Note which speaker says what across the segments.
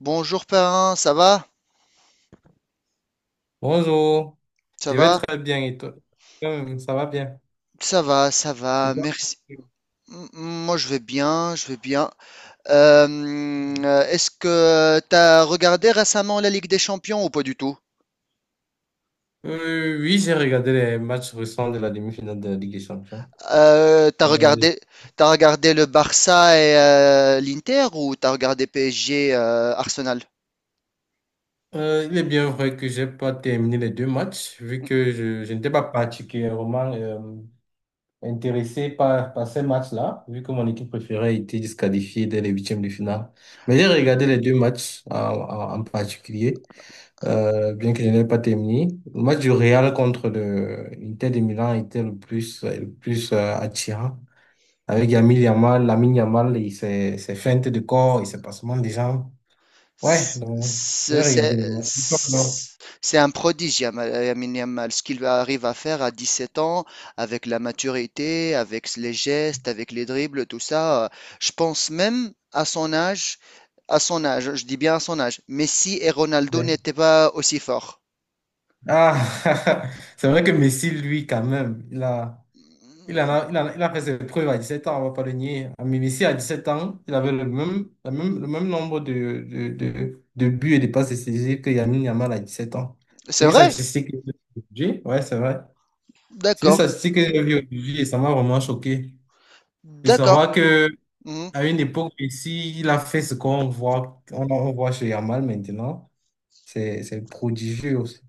Speaker 1: Bonjour parrain, ça va?
Speaker 2: Bonjour,
Speaker 1: Ça
Speaker 2: je vais
Speaker 1: va?
Speaker 2: très bien et toi? Ça va bien.
Speaker 1: Ça va, ça
Speaker 2: Et
Speaker 1: va,
Speaker 2: toi?
Speaker 1: merci. Moi je vais bien, je vais bien. Euh, est-ce que t'as regardé récemment la Ligue des Champions ou pas du tout?
Speaker 2: Oui, j'ai regardé les matchs récents de la demi-finale de la Ligue des Champions.
Speaker 1: Euh, t'as
Speaker 2: Euh,
Speaker 1: regardé, t'as regardé le Barça et l'Inter ou t'as regardé PSG, Arsenal?
Speaker 2: il est bien vrai que j'ai pas terminé les deux matchs, vu que je n'étais pas particulièrement intéressé par ces matchs-là, vu que mon équipe préférée était disqualifiée dès les huitièmes de finale. Mais j'ai regardé les deux matchs en particulier. Bien qu'il n'ait pas terminé. Le match du Real contre le l'Inter de Milan était le plus attirant. Avec Lamine Yamal, Lamine Yamal et ses feintes de corps et ses passements des jambes. Ouais, donc j'ai
Speaker 1: C'est c'est-
Speaker 2: regardé les matchs. Et toi,
Speaker 1: c'est un prodige, Yamal, Lamine Yamal, ce qu'il arrive à faire à 17 ans, avec la maturité, avec les gestes, avec les dribbles, tout ça. Je pense même à son âge, je dis bien à son âge, Messi et Ronaldo
Speaker 2: ouais.
Speaker 1: n'étaient pas aussi forts.
Speaker 2: Ah, c'est vrai que Messi, lui, quand même, il en a, il a fait ses preuves à 17 ans, on ne va pas le nier. À Messi, à 17 ans, il avait le même nombre de buts et de passes décisives que Lamine Yamal à 17 ans.
Speaker 1: C'est
Speaker 2: C'est une
Speaker 1: vrai?
Speaker 2: statistique que j'ai vue aujourd'hui. Ouais, c'est vrai. C'est une
Speaker 1: D'accord,
Speaker 2: statistique que j'ai vue aujourd'hui et ça m'a vraiment choqué. De
Speaker 1: d'accord.
Speaker 2: savoir que
Speaker 1: Mhm.
Speaker 2: à une époque, Messi, il a fait ce qu'on voit, on voit chez Yamal maintenant. C'est prodigieux aussi.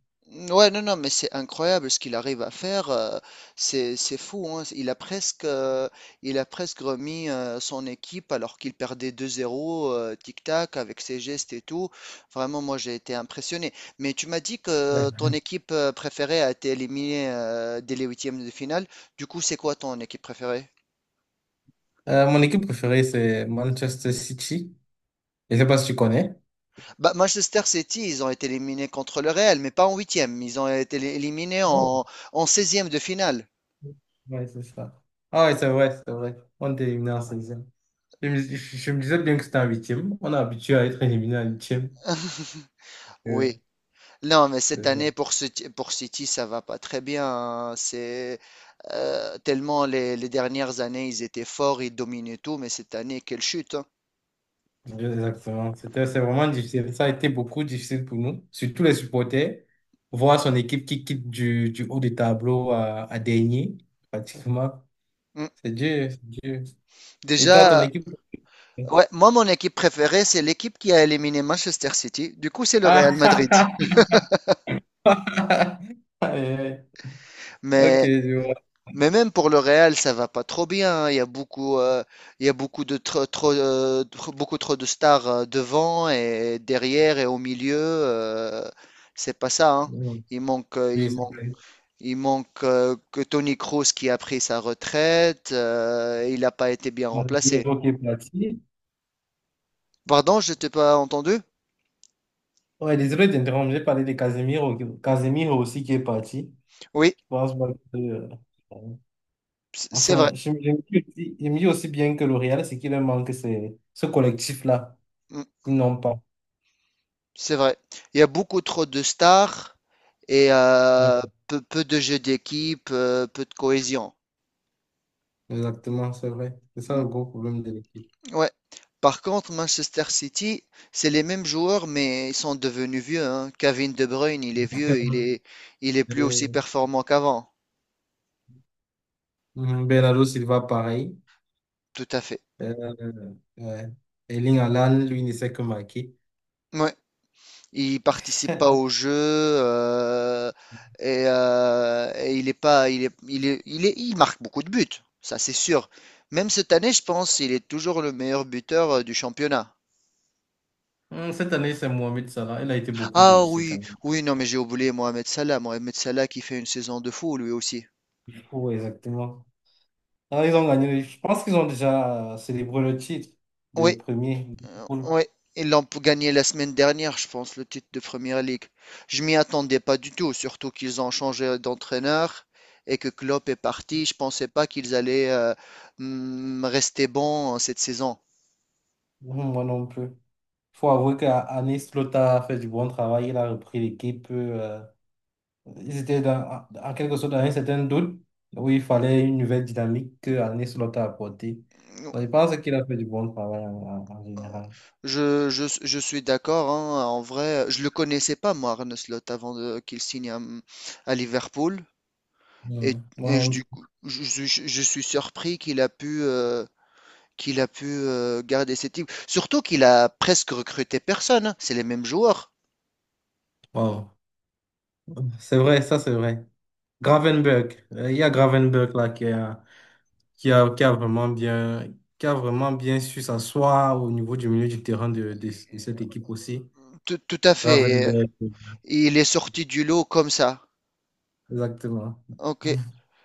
Speaker 1: Ouais, non, non, mais c'est incroyable ce qu'il arrive à faire. C'est fou, hein. Il a presque remis son équipe alors qu'il perdait 2-0, tic-tac, avec ses gestes et tout. Vraiment, moi, j'ai été impressionné. Mais tu m'as dit que
Speaker 2: Ouais.
Speaker 1: ton équipe préférée a été éliminée dès les huitièmes de finale. Du coup, c'est quoi ton équipe préférée?
Speaker 2: Mon équipe préférée, c'est Manchester City. Je ne sais pas si tu connais.
Speaker 1: Bah, Manchester City, ils ont été éliminés contre le Real, mais pas en huitième. Ils ont été éliminés en, en 16 de finale.
Speaker 2: Ouais, c'est ça. Ah ouais, c'est vrai, c'est vrai. On était éliminé en seizième. Je me disais bien que c'était en 8. On est habitué à être éliminé en 8e. Euh,
Speaker 1: Oui. Non, mais cette
Speaker 2: c'est ça.
Speaker 1: année pour City, ça va pas très bien, hein. C'est tellement les dernières années, ils étaient forts, ils dominaient tout, mais cette année, quelle chute, hein.
Speaker 2: Exactement. C'est vraiment difficile. Ça a été beaucoup difficile pour nous, surtout les supporters. Voir son équipe qui quitte du haut du tableau à dernier, pratiquement.
Speaker 1: Mm.
Speaker 2: C'est dur, c'est dur. Et toi, ton
Speaker 1: Déjà,
Speaker 2: équipe?
Speaker 1: ouais, moi, mon équipe préférée, c'est l'équipe qui a éliminé Manchester City. Du coup, c'est le Real Madrid.
Speaker 2: Ah, aïe, aïe. Ok,
Speaker 1: Mais,
Speaker 2: je vois.
Speaker 1: mais même pour le Real, ça va pas trop bien, hein. Il y a beaucoup, il y a beaucoup de beaucoup trop de stars devant et derrière et au milieu. C'est pas ça, hein.
Speaker 2: Mm.
Speaker 1: Il manque, il
Speaker 2: Oui, c'est
Speaker 1: manque,
Speaker 2: vrai.
Speaker 1: il manque que Tony Kroos qui a pris sa retraite. Il n'a pas été bien
Speaker 2: On va dire,
Speaker 1: remplacé.
Speaker 2: ok, parti.
Speaker 1: Pardon, je t'ai pas entendu?
Speaker 2: Ouais, désolé d'interrompre, j'ai parlé de Casemiro, Casemiro aussi qui est parti.
Speaker 1: Oui,
Speaker 2: Je pense pas que,
Speaker 1: c'est vrai.
Speaker 2: enfin, je me dis aussi, je me dis aussi bien que le Real, ce qui leur manque, c'est ce collectif-là.
Speaker 1: Mm,
Speaker 2: Ils n'ont pas.
Speaker 1: c'est vrai. Il y a beaucoup trop de stars et
Speaker 2: Mm.
Speaker 1: peu de jeux d'équipe, peu de cohésion.
Speaker 2: Exactement, c'est vrai. C'est ça
Speaker 1: Mm,
Speaker 2: le gros problème de l'équipe.
Speaker 1: ouais. Par contre, Manchester City, c'est les mêmes joueurs, mais ils sont devenus vieux, hein. Kevin De Bruyne, il est vieux, il est plus aussi
Speaker 2: Euh,
Speaker 1: performant qu'avant.
Speaker 2: mhm, Bernardo Silva, pareil.
Speaker 1: Tout à fait.
Speaker 2: Ouais. Erling Haaland, lui, ne sait que marquer.
Speaker 1: Ouais. Il participe pas au jeu, et il est pas, il marque beaucoup de buts, ça c'est sûr. Même cette année, je pense, il est toujours le meilleur buteur du championnat.
Speaker 2: Cette année, c'est Mohamed Salah. Il a été beaucoup
Speaker 1: Ah
Speaker 2: blessé quand
Speaker 1: oui,
Speaker 2: même.
Speaker 1: oui, non, mais j'ai oublié Mohamed Salah. Mohamed Salah qui fait une saison de fou, lui aussi.
Speaker 2: Il faut, exactement. Ah, ils ont gagné. Je pense qu'ils ont déjà célébré le titre de
Speaker 1: Oui.
Speaker 2: premier. Liverpool.
Speaker 1: Ouais, ils gagné la semaine dernière, je pense, le titre de Premier League. Je m'y attendais pas du tout, surtout qu'ils ont changé d'entraîneur et que Klopp est parti. Je pensais pas qu'ils allaient rester bons cette saison.
Speaker 2: Moi non plus. Il faut avouer qu'Anis Lothar a fait du bon travail. Il a repris l'équipe. Ils étaient en quelque sorte dans un certain doute où il fallait une nouvelle dynamique que Anis Lothar a apportée. Donc, je pense qu'il a fait du bon travail en général.
Speaker 1: Je suis d'accord, hein, en vrai, je le connaissais pas, moi, Arne Slot, qu'il signe à Liverpool. Et,
Speaker 2: Hmm. Moi
Speaker 1: et je,
Speaker 2: non
Speaker 1: du
Speaker 2: plus.
Speaker 1: coup, je suis surpris qu'il a pu garder ses types. Surtout qu'il a presque recruté personne, hein. C'est les mêmes joueurs.
Speaker 2: Wow. C'est vrai, ça c'est vrai. Gravenberg. Il y a Gravenberg là qui est. Qui a vraiment bien, qui a vraiment bien su s'asseoir au niveau du milieu du terrain de cette équipe aussi.
Speaker 1: Tout à fait.
Speaker 2: Gravenberch,
Speaker 1: Il est sorti du lot comme ça.
Speaker 2: exactement.
Speaker 1: Ok.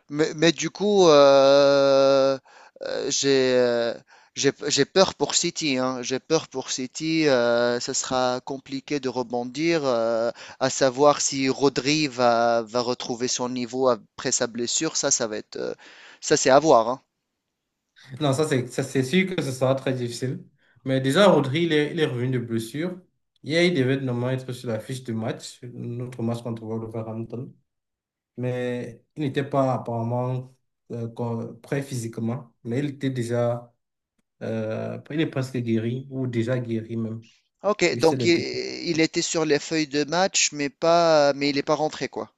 Speaker 1: Mais du coup, euh, j'ai euh, j'ai peur pour City, hein. J'ai peur pour City. Ça sera compliqué de rebondir. À savoir si Rodri va, va retrouver son niveau après sa blessure. Ça va être. Ça, c'est à voir, hein.
Speaker 2: Non, ça c'est sûr que ce sera très difficile. Mais déjà, Rodri, il est revenu de blessure. Hier, il devait normalement être sur la fiche de match, notre match contre Wolverhampton. Mais il n'était pas apparemment prêt physiquement. Mais il était déjà, il est presque guéri, ou déjà guéri même.
Speaker 1: Ok,
Speaker 2: Juste
Speaker 1: donc
Speaker 2: des petits.
Speaker 1: il était sur les feuilles de match, mais pas, mais il n'est pas rentré quoi.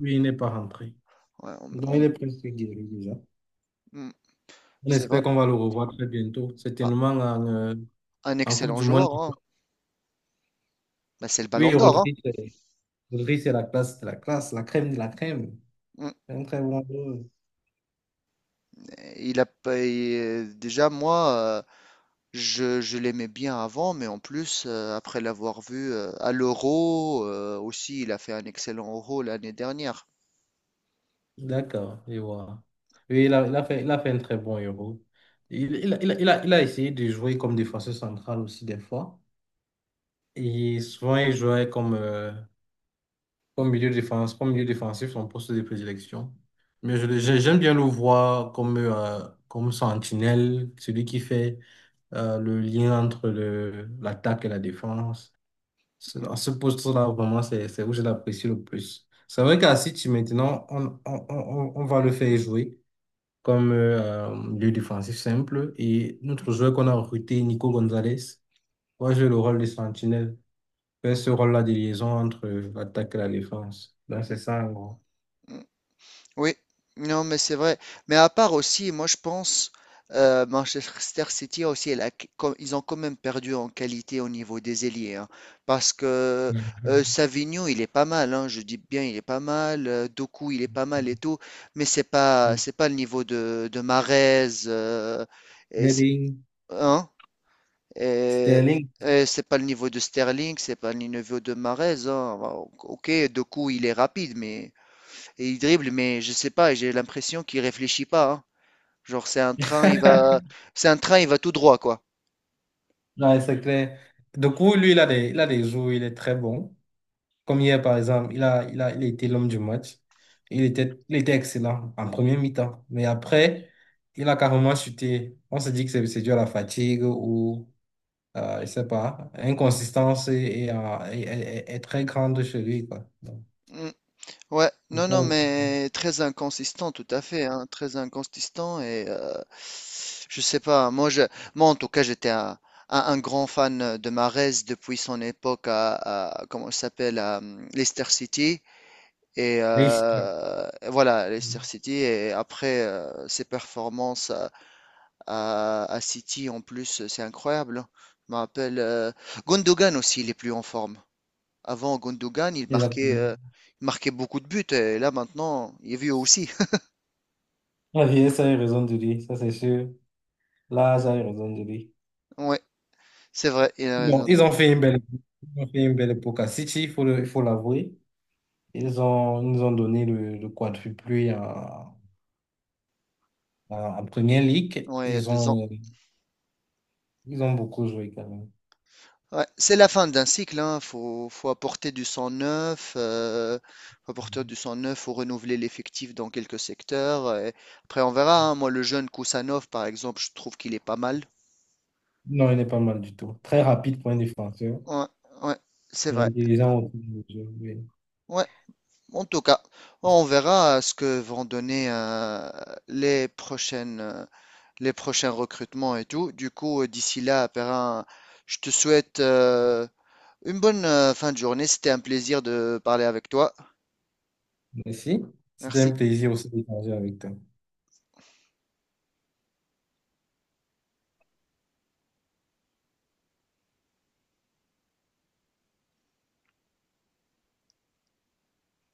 Speaker 2: Oui, il n'est pas rentré.
Speaker 1: Ouais, on-
Speaker 2: Donc, il
Speaker 1: on-
Speaker 2: est presque guéri déjà.
Speaker 1: hmm,
Speaker 2: On
Speaker 1: c'est vrai.
Speaker 2: espère qu'on va le revoir très bientôt,
Speaker 1: Ah,
Speaker 2: certainement
Speaker 1: un
Speaker 2: en Coupe
Speaker 1: excellent
Speaker 2: du Monde.
Speaker 1: joueur, hein. Bah, c'est le Ballon
Speaker 2: Oui,
Speaker 1: d'Or, hein.
Speaker 2: Rodri, c'est la classe, la crème de la crème.
Speaker 1: Hmm.
Speaker 2: C'est un très bon joueur.
Speaker 1: Il a pas- il- Déjà moi, je l'aimais bien avant, mais en plus après l'avoir vu à l'Euro aussi, il a fait un excellent Euro l'année dernière.
Speaker 2: D'accord, je vois. Oui, il a fait un très bon héros. Il a essayé de jouer comme défenseur central aussi des fois. Et souvent, il jouait comme comme comme milieu défensif, son poste de prédilection. Mais j'aime bien le voir comme, comme sentinelle, celui qui fait le lien entre l'attaque et la défense.
Speaker 1: Hmm,
Speaker 2: À ce poste-là, vraiment, c'est où je l'apprécie le plus. C'est vrai qu'à City, maintenant, on va le faire jouer comme milieu défensif simple. Et notre joueur qu'on a recruté, Nico Gonzalez, va jouer le rôle de sentinelle, faire ce rôle-là de liaison entre l'attaque et la défense. Donc,
Speaker 1: hmm,
Speaker 2: c'est ça, en gros.
Speaker 1: hmm. Oui, non, mais c'est vrai. Mais à part aussi, moi je pense, Manchester City aussi, elle a qu- com- ils ont quand même perdu en qualité au niveau des ailiers, hein. Parce que Savigno, il est pas mal, hein, je dis bien, il est pas mal. Doku, il est pas mal et tout. Mais c'est pas le niveau de Mahrez. Et c'est,
Speaker 2: Getting
Speaker 1: hein, et-
Speaker 2: Sterling.
Speaker 1: et c'est pas le niveau de Sterling, c'est pas le niveau de Mahrez, hein. Bon, ok, Doku, il est rapide, mais. Et il dribble, mais je sais pas, j'ai l'impression qu'il réfléchit pas, hein. Genre, c'est un train, il va, c'est un train, il va tout droit, quoi.
Speaker 2: Non, c'est clair. Du coup, lui, il a des jours où il est très bon. Comme hier, par exemple, il a été l'homme du match. Il était excellent en première mi-temps. Mais après, il a carrément chuté. On se dit que c'est dû à la fatigue ou, je sais pas, inconsistance est très grande chez lui, quoi. Donc,
Speaker 1: Mm. Ouais,
Speaker 2: c'est
Speaker 1: non,
Speaker 2: ça
Speaker 1: non,
Speaker 2: le-
Speaker 1: mais très inconsistant, tout à fait, hein, très inconsistant et je sais pas. Moi, en tout cas, un grand fan de Mahrez depuis son époque à, comment il s'appelle, à Leicester City et
Speaker 2: Leicester.
Speaker 1: voilà, Leicester City et après ses performances. À City, en plus, c'est incroyable, hein. Je me rappelle. Gundogan aussi, il est plus en forme. Avant, Gundogan,
Speaker 2: Exactement.
Speaker 1: il marquait beaucoup de buts. Et là, maintenant, il est vieux aussi.
Speaker 2: Ah, oui, ça a eu raison de lui, ça c'est sûr. Là, j'ai raison de lui.
Speaker 1: Ouais, c'est vrai. Il a
Speaker 2: Bon,
Speaker 1: raison.
Speaker 2: ils ont fait une belle époque à City, il faut l'avouer. Ils nous ont donné le quadruplé en Première Ligue.
Speaker 1: Ouais, il y a 2 ans.
Speaker 2: Ils ont beaucoup joué quand même.
Speaker 1: Ouais, c'est la fin d'un cycle, hein. Faut apporter du sang neuf. Faut apporter du sang neuf. Faut renouveler l'effectif dans quelques secteurs. Et après, on verra, hein. Moi, le jeune Kousanov, par exemple, je trouve qu'il est pas mal.
Speaker 2: Non, il n'est pas mal du tout. Très rapide pour un défenseur
Speaker 1: Ouais, ouais, c'est
Speaker 2: et
Speaker 1: vrai.
Speaker 2: intelligent autour du jeu. Oui.
Speaker 1: Ouais. En tout cas, on verra ce que vont donner les prochaines, euh, les prochains recrutements et tout. Du coup, d'ici là, Perrin, je te souhaite une bonne fin de journée. C'était un plaisir de parler avec toi.
Speaker 2: Merci. C'était un
Speaker 1: Merci.
Speaker 2: plaisir aussi d'échanger avec toi.